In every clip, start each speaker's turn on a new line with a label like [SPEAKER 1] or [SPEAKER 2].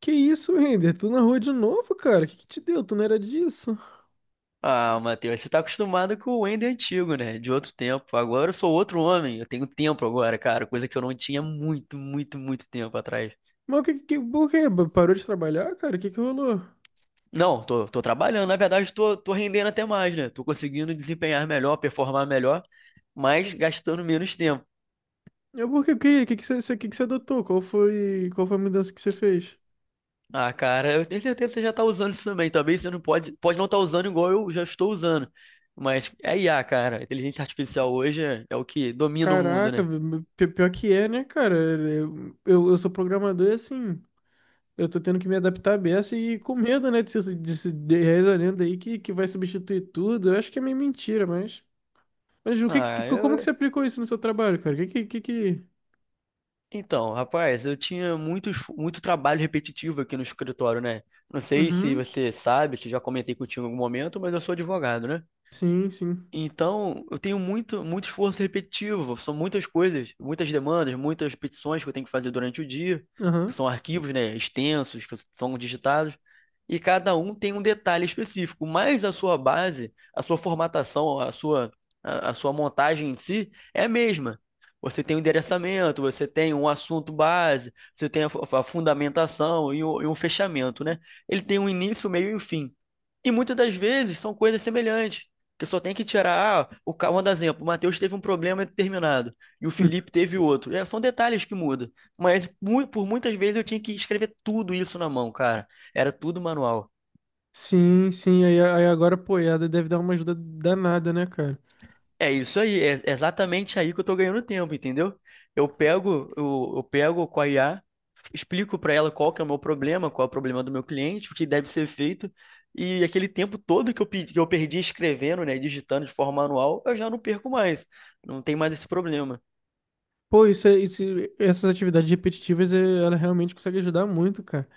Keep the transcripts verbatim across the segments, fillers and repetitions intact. [SPEAKER 1] Que isso, Render? Tu na rua de novo, cara? O que que te deu? Tu não era disso?
[SPEAKER 2] Ah, Matheus, você tá acostumado com o Ender antigo, né? De outro tempo. Agora eu sou outro homem. Eu tenho tempo agora, cara. Coisa que eu não tinha muito, muito, muito tempo atrás.
[SPEAKER 1] Mas o que que... Por quê? Parou de trabalhar, cara? O que que rolou?
[SPEAKER 2] Não, tô, tô trabalhando. Na verdade, tô, tô rendendo até mais, né? Tô conseguindo desempenhar melhor, performar melhor, mas gastando menos tempo.
[SPEAKER 1] Eu, por quê? O que que que você que que você adotou? Qual foi... Qual foi a mudança que você fez?
[SPEAKER 2] Ah, cara, eu tenho certeza que você já tá usando isso também. Talvez você não pode, pode não estar usando igual eu já estou usando. Mas é I A, cara. A inteligência artificial hoje é, é o que domina o mundo,
[SPEAKER 1] Caraca,
[SPEAKER 2] né?
[SPEAKER 1] pi- pior que é, né, cara? Eu, eu, eu sou programador e assim... Eu tô tendo que me adaptar à beça e com medo, né, de ser de, se- de essa lenda aí que, que vai substituir tudo. Eu acho que é meio mentira, mas... Mas o que, que, que-
[SPEAKER 2] Ah,
[SPEAKER 1] como que
[SPEAKER 2] eu,
[SPEAKER 1] você aplicou isso no seu trabalho, cara? O que que... que, que...
[SPEAKER 2] Então, rapaz, eu tinha muitos, muito trabalho repetitivo aqui no escritório, né? Não sei se
[SPEAKER 1] Uhum,
[SPEAKER 2] você sabe, se já comentei contigo em algum momento, mas eu sou advogado, né?
[SPEAKER 1] sim, sim.
[SPEAKER 2] Então, eu tenho muito, muito esforço repetitivo, são muitas coisas, muitas demandas, muitas petições que eu tenho que fazer durante o dia, que
[SPEAKER 1] Aham.
[SPEAKER 2] são arquivos, né, extensos, que são digitados, e cada um tem um detalhe específico, mas a sua base, a sua formatação, a sua, a, a sua montagem em si é a mesma. Você tem o endereçamento, você tem um assunto base, você tem a, fu- a fundamentação e, o- e um fechamento, né? Ele tem um início, meio e um fim. E muitas das vezes são coisas semelhantes. Porque só tem que tirar, ah, o, ca- vou dar um exemplo, o Matheus teve um problema determinado e o Felipe teve outro. É, são detalhes que mudam. Mas mu- por muitas vezes eu tinha que escrever tudo isso na mão, cara. Era tudo manual.
[SPEAKER 1] Sim, sim, aí, aí agora, pô, E A D deve dar uma ajuda danada, né, cara?
[SPEAKER 2] É isso aí, é exatamente aí que eu tô ganhando tempo, entendeu? Eu pego, eu, eu pego com a I A, explico para ela qual que é o meu problema, qual é o problema do meu cliente, o que deve ser feito. E aquele tempo todo que eu, pe- que eu perdi escrevendo, né, digitando de forma manual, eu já não perco mais. Não tem mais esse problema.
[SPEAKER 1] Pô, isso, é- isso, essas atividades repetitivas, eh, ela realmente consegue ajudar muito, cara.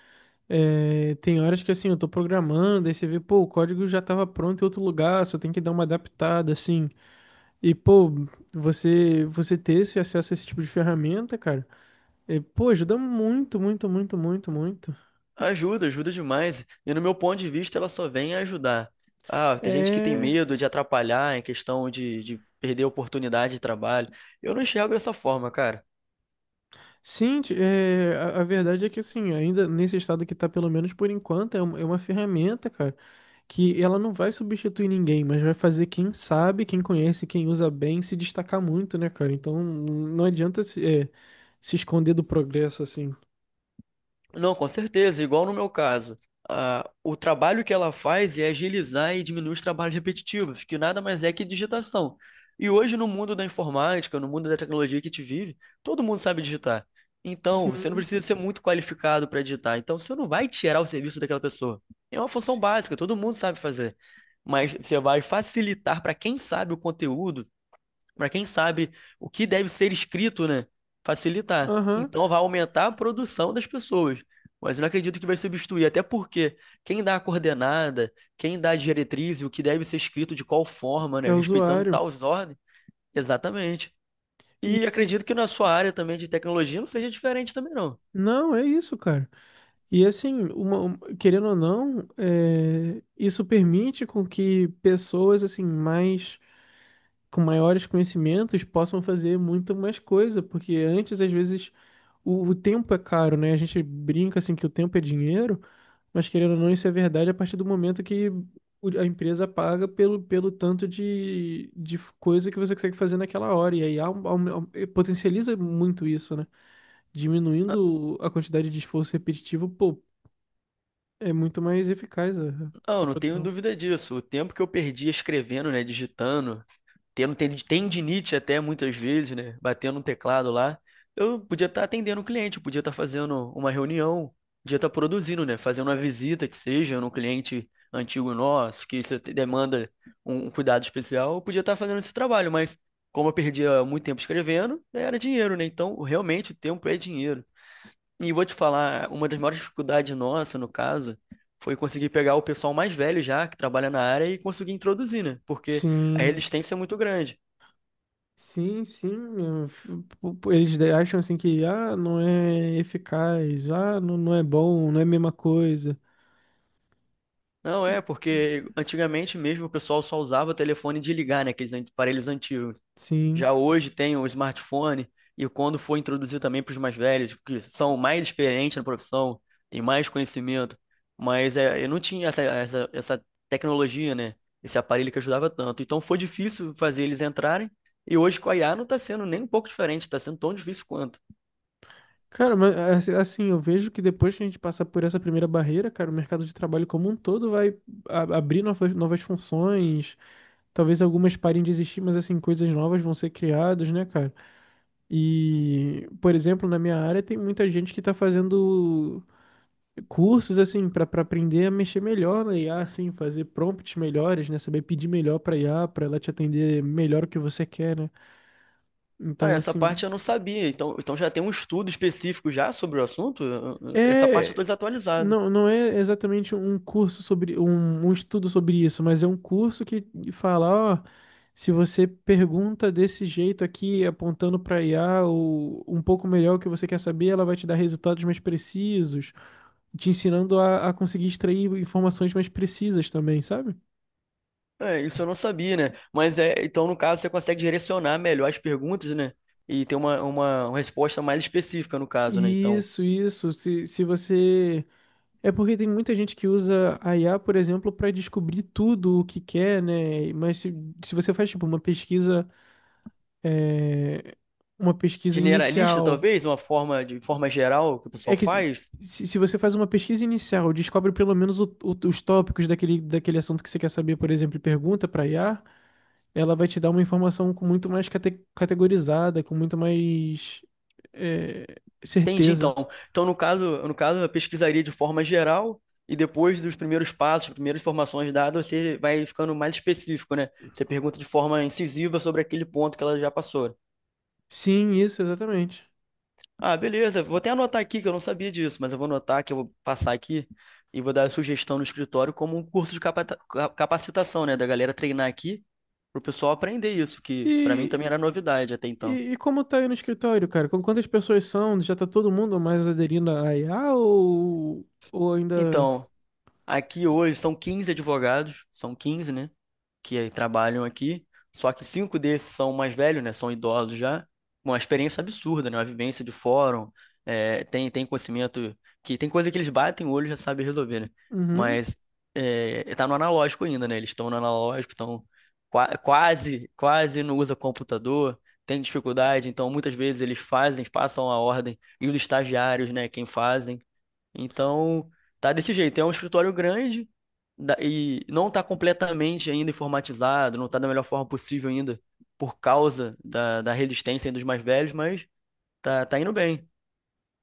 [SPEAKER 1] É, tem horas que, assim, eu tô programando, aí você vê, pô, o código já tava pronto em outro lugar, só tem que dar uma adaptada, assim. E, pô, você, você ter esse acesso a esse tipo de ferramenta, cara, eh, pô, ajuda muito, muito, muito, muito, muito.
[SPEAKER 2] Ajuda, ajuda demais. E no meu ponto de vista, ela só vem ajudar. Ah, tem gente que tem
[SPEAKER 1] É.
[SPEAKER 2] medo de atrapalhar em questão de, de perder oportunidade de trabalho. Eu não enxergo dessa forma, cara.
[SPEAKER 1] Sim, ti- é, a, a verdade é que assim, ainda nesse estado que tá, pelo menos por enquanto, é uma, é uma ferramenta, cara, que ela não vai substituir ninguém, mas vai fazer quem sabe, quem conhece, quem usa bem se destacar muito, né, cara? Então não adianta se, é, se esconder do progresso assim.
[SPEAKER 2] Não, com certeza, igual no meu caso. Ah, o trabalho que ela faz é agilizar e diminuir os trabalhos repetitivos, que nada mais é que digitação. E hoje, no mundo da informática, no mundo da tecnologia que a gente vive, todo mundo sabe digitar. Então, você não
[SPEAKER 1] Sim,
[SPEAKER 2] precisa ser muito qualificado para digitar. Então, você não vai tirar o serviço daquela pessoa. É uma função
[SPEAKER 1] sim.
[SPEAKER 2] básica, todo mundo sabe fazer. Mas você vai facilitar para quem sabe o conteúdo para quem sabe o que deve ser escrito, né? Facilitar.
[SPEAKER 1] Aham,
[SPEAKER 2] Então vai aumentar a produção das pessoas. Mas eu não acredito que vai substituir, até porque quem dá a coordenada, quem dá a diretriz, e o que deve ser escrito de qual forma,
[SPEAKER 1] é
[SPEAKER 2] né? Respeitando
[SPEAKER 1] usuário.
[SPEAKER 2] tais ordens. Exatamente.
[SPEAKER 1] E
[SPEAKER 2] E
[SPEAKER 1] e-
[SPEAKER 2] acredito que na sua área também de tecnologia não seja diferente também, não.
[SPEAKER 1] não, é isso, cara. E assim, uma- um- querendo ou não, é, isso permite com que pessoas assim mais com maiores conhecimentos possam fazer muito mais coisa, porque antes, às vezes, o, o tempo é caro, né? A gente brinca assim que o tempo é dinheiro, mas querendo ou não, isso é verdade a partir do momento que o- a empresa paga pelo, pelo tanto de, de f- coisa que você consegue fazer naquela hora. E aí au- au- au- eh, potencializa muito isso, né? Diminuindo a quantidade de esforço repetitivo, pô, é muito mais eficaz a,
[SPEAKER 2] Não,
[SPEAKER 1] a
[SPEAKER 2] não tenho
[SPEAKER 1] produção.
[SPEAKER 2] dúvida disso. O tempo que eu perdi escrevendo, né, digitando, tendo ten- tendinite até muitas vezes, né? Batendo um teclado lá. Eu podia estar atendendo o cliente, eu podia estar fazendo uma reunião, podia estar produzindo, né? Fazendo uma visita que seja no cliente antigo nosso, que isso demanda um um cuidado especial, eu podia estar fazendo esse trabalho, mas como eu perdia muito tempo escrevendo, era dinheiro, né? Então, realmente, o tempo é dinheiro. E vou te falar, uma das maiores dificuldades nossa, no caso, foi conseguir pegar o pessoal mais velho já, que trabalha na área, e conseguir introduzir, né? Porque a
[SPEAKER 1] Sim.
[SPEAKER 2] resistência é muito grande.
[SPEAKER 1] Sim, sim, eu f- po- po- eles de- acham assim que ah, não é eficaz, ah, não, não é bom, não é a mesma coisa.
[SPEAKER 2] Não,
[SPEAKER 1] E-
[SPEAKER 2] é, porque antigamente mesmo o pessoal só usava telefone de ligar, né? Aqueles an- aparelhos antigos.
[SPEAKER 1] Sim.
[SPEAKER 2] Já hoje tem o smartphone, e quando foi introduzido também para os mais velhos, que são mais experientes na profissão, têm mais conhecimento, mas é, eu não tinha essa, essa, essa tecnologia, né? Esse aparelho que ajudava tanto. Então foi difícil fazer eles entrarem, e hoje com a I A não está sendo nem um pouco diferente, está sendo tão difícil quanto.
[SPEAKER 1] Cara, mas assi- assim, assim, eu vejo que depois que a gente passar por essa primeira barreira, cara, o mercado de trabalho como um todo vai a- abrir novas, novas funções, talvez algumas parem de existir, mas assim, coisas novas vão ser criadas, né, cara? E, por exemplo, na minha área tem muita gente que tá fazendo cursos assim para aprender a mexer melhor na I A, assim, fazer prompts melhores, né? Saber pedir melhor para I A, para ela te atender melhor o que você quer, né?
[SPEAKER 2] Ah,
[SPEAKER 1] Então,
[SPEAKER 2] essa parte
[SPEAKER 1] assim,
[SPEAKER 2] eu não sabia, então, então já tem um estudo específico já sobre o assunto? Eu- eu- Essa parte eu
[SPEAKER 1] é
[SPEAKER 2] estou desatualizado.
[SPEAKER 1] não, não é exatamente um curso sobre um, um estudo sobre isso, mas é um curso que fala, ó, se você pergunta desse jeito aqui, apontando para I A ou um pouco melhor o que você quer saber, ela vai te dar resultados mais precisos, te ensinando a, a conseguir extrair informações mais precisas também, sabe?
[SPEAKER 2] É, isso eu não sabia, né? Mas é, então no caso você consegue direcionar melhor as perguntas, né? E ter uma, uma, uma resposta mais específica no caso, né? Então,
[SPEAKER 1] Isso, isso. Se, se você. É porque tem muita gente que usa a I A, por exemplo, para descobrir tudo o que quer, né? Mas se, se você faz, tipo, uma pesquisa. É, uma pesquisa
[SPEAKER 2] generalista
[SPEAKER 1] inicial.
[SPEAKER 2] talvez, uma forma de forma geral que o
[SPEAKER 1] É
[SPEAKER 2] pessoal
[SPEAKER 1] que se,
[SPEAKER 2] faz.
[SPEAKER 1] se se você faz uma pesquisa inicial, descobre pelo menos o- o- os tópicos daquele, daquele assunto que você quer saber, por exemplo, e pergunta para I A, ela vai te dar uma informação com muito mais cate- categorizada, com muito mais. É,
[SPEAKER 2] Entendi,
[SPEAKER 1] certeza.
[SPEAKER 2] então. Então no caso, no caso eu pesquisaria de forma geral e depois dos primeiros passos, primeiras informações dadas, você vai ficando mais específico, né? Você pergunta de forma incisiva sobre aquele ponto que ela já passou.
[SPEAKER 1] Sim, isso, exatamente.
[SPEAKER 2] Ah, beleza. Vou até anotar aqui que eu não sabia disso, mas eu vou anotar que eu vou passar aqui e vou dar a sugestão no escritório como um curso de capata- ca- capacitação, né? Da galera treinar aqui pro pessoal aprender isso, que pra mim também
[SPEAKER 1] E,
[SPEAKER 2] era novidade até então.
[SPEAKER 1] E e como tá aí no escritório, cara? Com quantas pessoas são? Já tá todo mundo mais aderindo à I A ou, ou ainda.
[SPEAKER 2] Então, aqui hoje são quinze advogados, são quinze, né? Que trabalham aqui, só que cinco desses são mais velhos, né? São idosos já. Uma experiência absurda, né? Uma vivência de fórum, é, tem, tem conhecimento que tem coisa que eles batem o olho e já sabem resolver, né?
[SPEAKER 1] Uhum.
[SPEAKER 2] Mas é, tá no analógico ainda, né? Eles estão no analógico, estão qua- quase, quase não usa computador, tem dificuldade, então muitas vezes eles fazem, passam a ordem e os estagiários, né? Quem fazem então, tá desse jeito. É um escritório grande da- e não está completamente ainda informatizado, não está da melhor forma possível ainda, por causa da, da resistência aí dos mais velhos, mas tá, tá indo bem.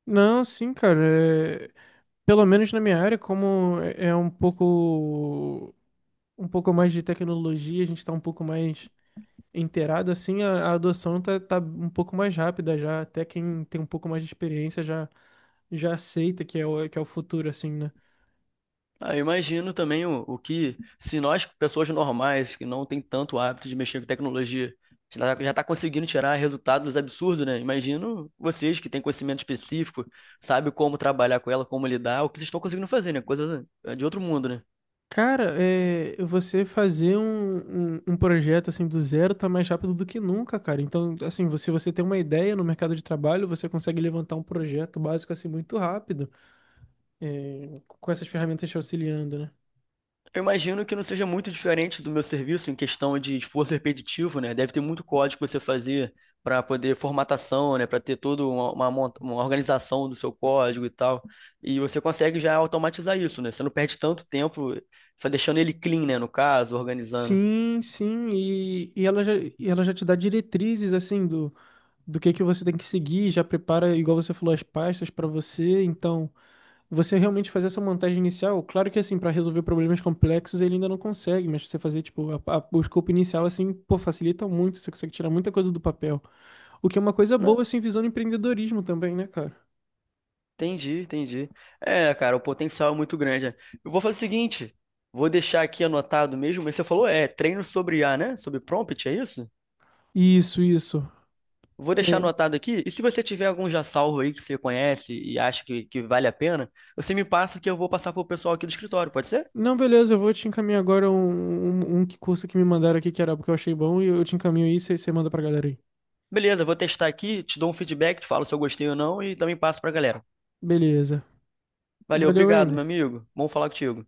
[SPEAKER 1] Não, sim, cara. é- Pelo menos na minha área, como é é um pouco, um pouco mais de tecnologia, a gente tá um pouco mais inteirado, assim, a, a adoção tá, tá um pouco mais rápida já. Até quem tem um pouco mais de experiência já, já aceita que é o, que é o futuro, assim, né?
[SPEAKER 2] Ah, eu imagino também o, o que, se nós, pessoas normais, que não tem tanto hábito de mexer com tecnologia, já está conseguindo tirar resultados absurdos, né? Imagino vocês que têm conhecimento específico, sabem como trabalhar com ela, como lidar, o que vocês estão conseguindo fazer, né? Coisa de outro mundo, né?
[SPEAKER 1] Cara, é, você fazer um, um, um projeto assim do zero tá mais rápido do que nunca, cara. Então, assim, você- se você tem uma ideia no mercado de trabalho, você consegue levantar um projeto básico assim muito rápido, é, com essas ferramentas te auxiliando, né?
[SPEAKER 2] Eu imagino que não seja muito diferente do meu serviço em questão de esforço repetitivo, né? Deve ter muito código que você fazer para poder formatação, né? Para ter toda uma, uma mont- uma organização do seu código e tal. E você consegue já automatizar isso, né? Você não perde tanto tempo fa- deixando ele clean, né? No caso, organizando.
[SPEAKER 1] Sim, sim, e, e ela já, e ela já te dá diretrizes assim do, do que que você tem que seguir, já prepara, igual você falou, as pastas para você, então, você realmente fazer essa montagem inicial, claro que assim, para resolver problemas complexos ele ainda não consegue, mas você fazer tipo a- a- o escopo inicial assim, pô, facilita muito, você consegue tirar muita coisa do papel. O que é uma coisa
[SPEAKER 2] Não,
[SPEAKER 1] boa assim, visando empreendedorismo também, né, cara?
[SPEAKER 2] entendi, entendi. É, cara, o potencial é muito grande, né? Eu vou fazer o seguinte, vou deixar aqui anotado mesmo, mas você falou, é, treino sobre I a, né? Sobre prompt, é isso?
[SPEAKER 1] Isso, isso.
[SPEAKER 2] Vou
[SPEAKER 1] É,
[SPEAKER 2] deixar anotado aqui. E se você tiver algum já salvo aí que você conhece e acha que, que vale a pena, você me passa que eu vou passar pro pessoal aqui do escritório, pode ser?
[SPEAKER 1] não, beleza, eu vou te encaminhar agora um, um, um que curso que me mandaram aqui que era porque eu achei bom e eu te encaminho isso e você manda pra galera aí.
[SPEAKER 2] Beleza, vou testar aqui, te dou um feedback, te falo se eu gostei ou não e também passo pra galera.
[SPEAKER 1] Beleza.
[SPEAKER 2] Valeu,
[SPEAKER 1] Valeu,
[SPEAKER 2] obrigado, meu
[SPEAKER 1] Ender.
[SPEAKER 2] amigo. Bom falar contigo.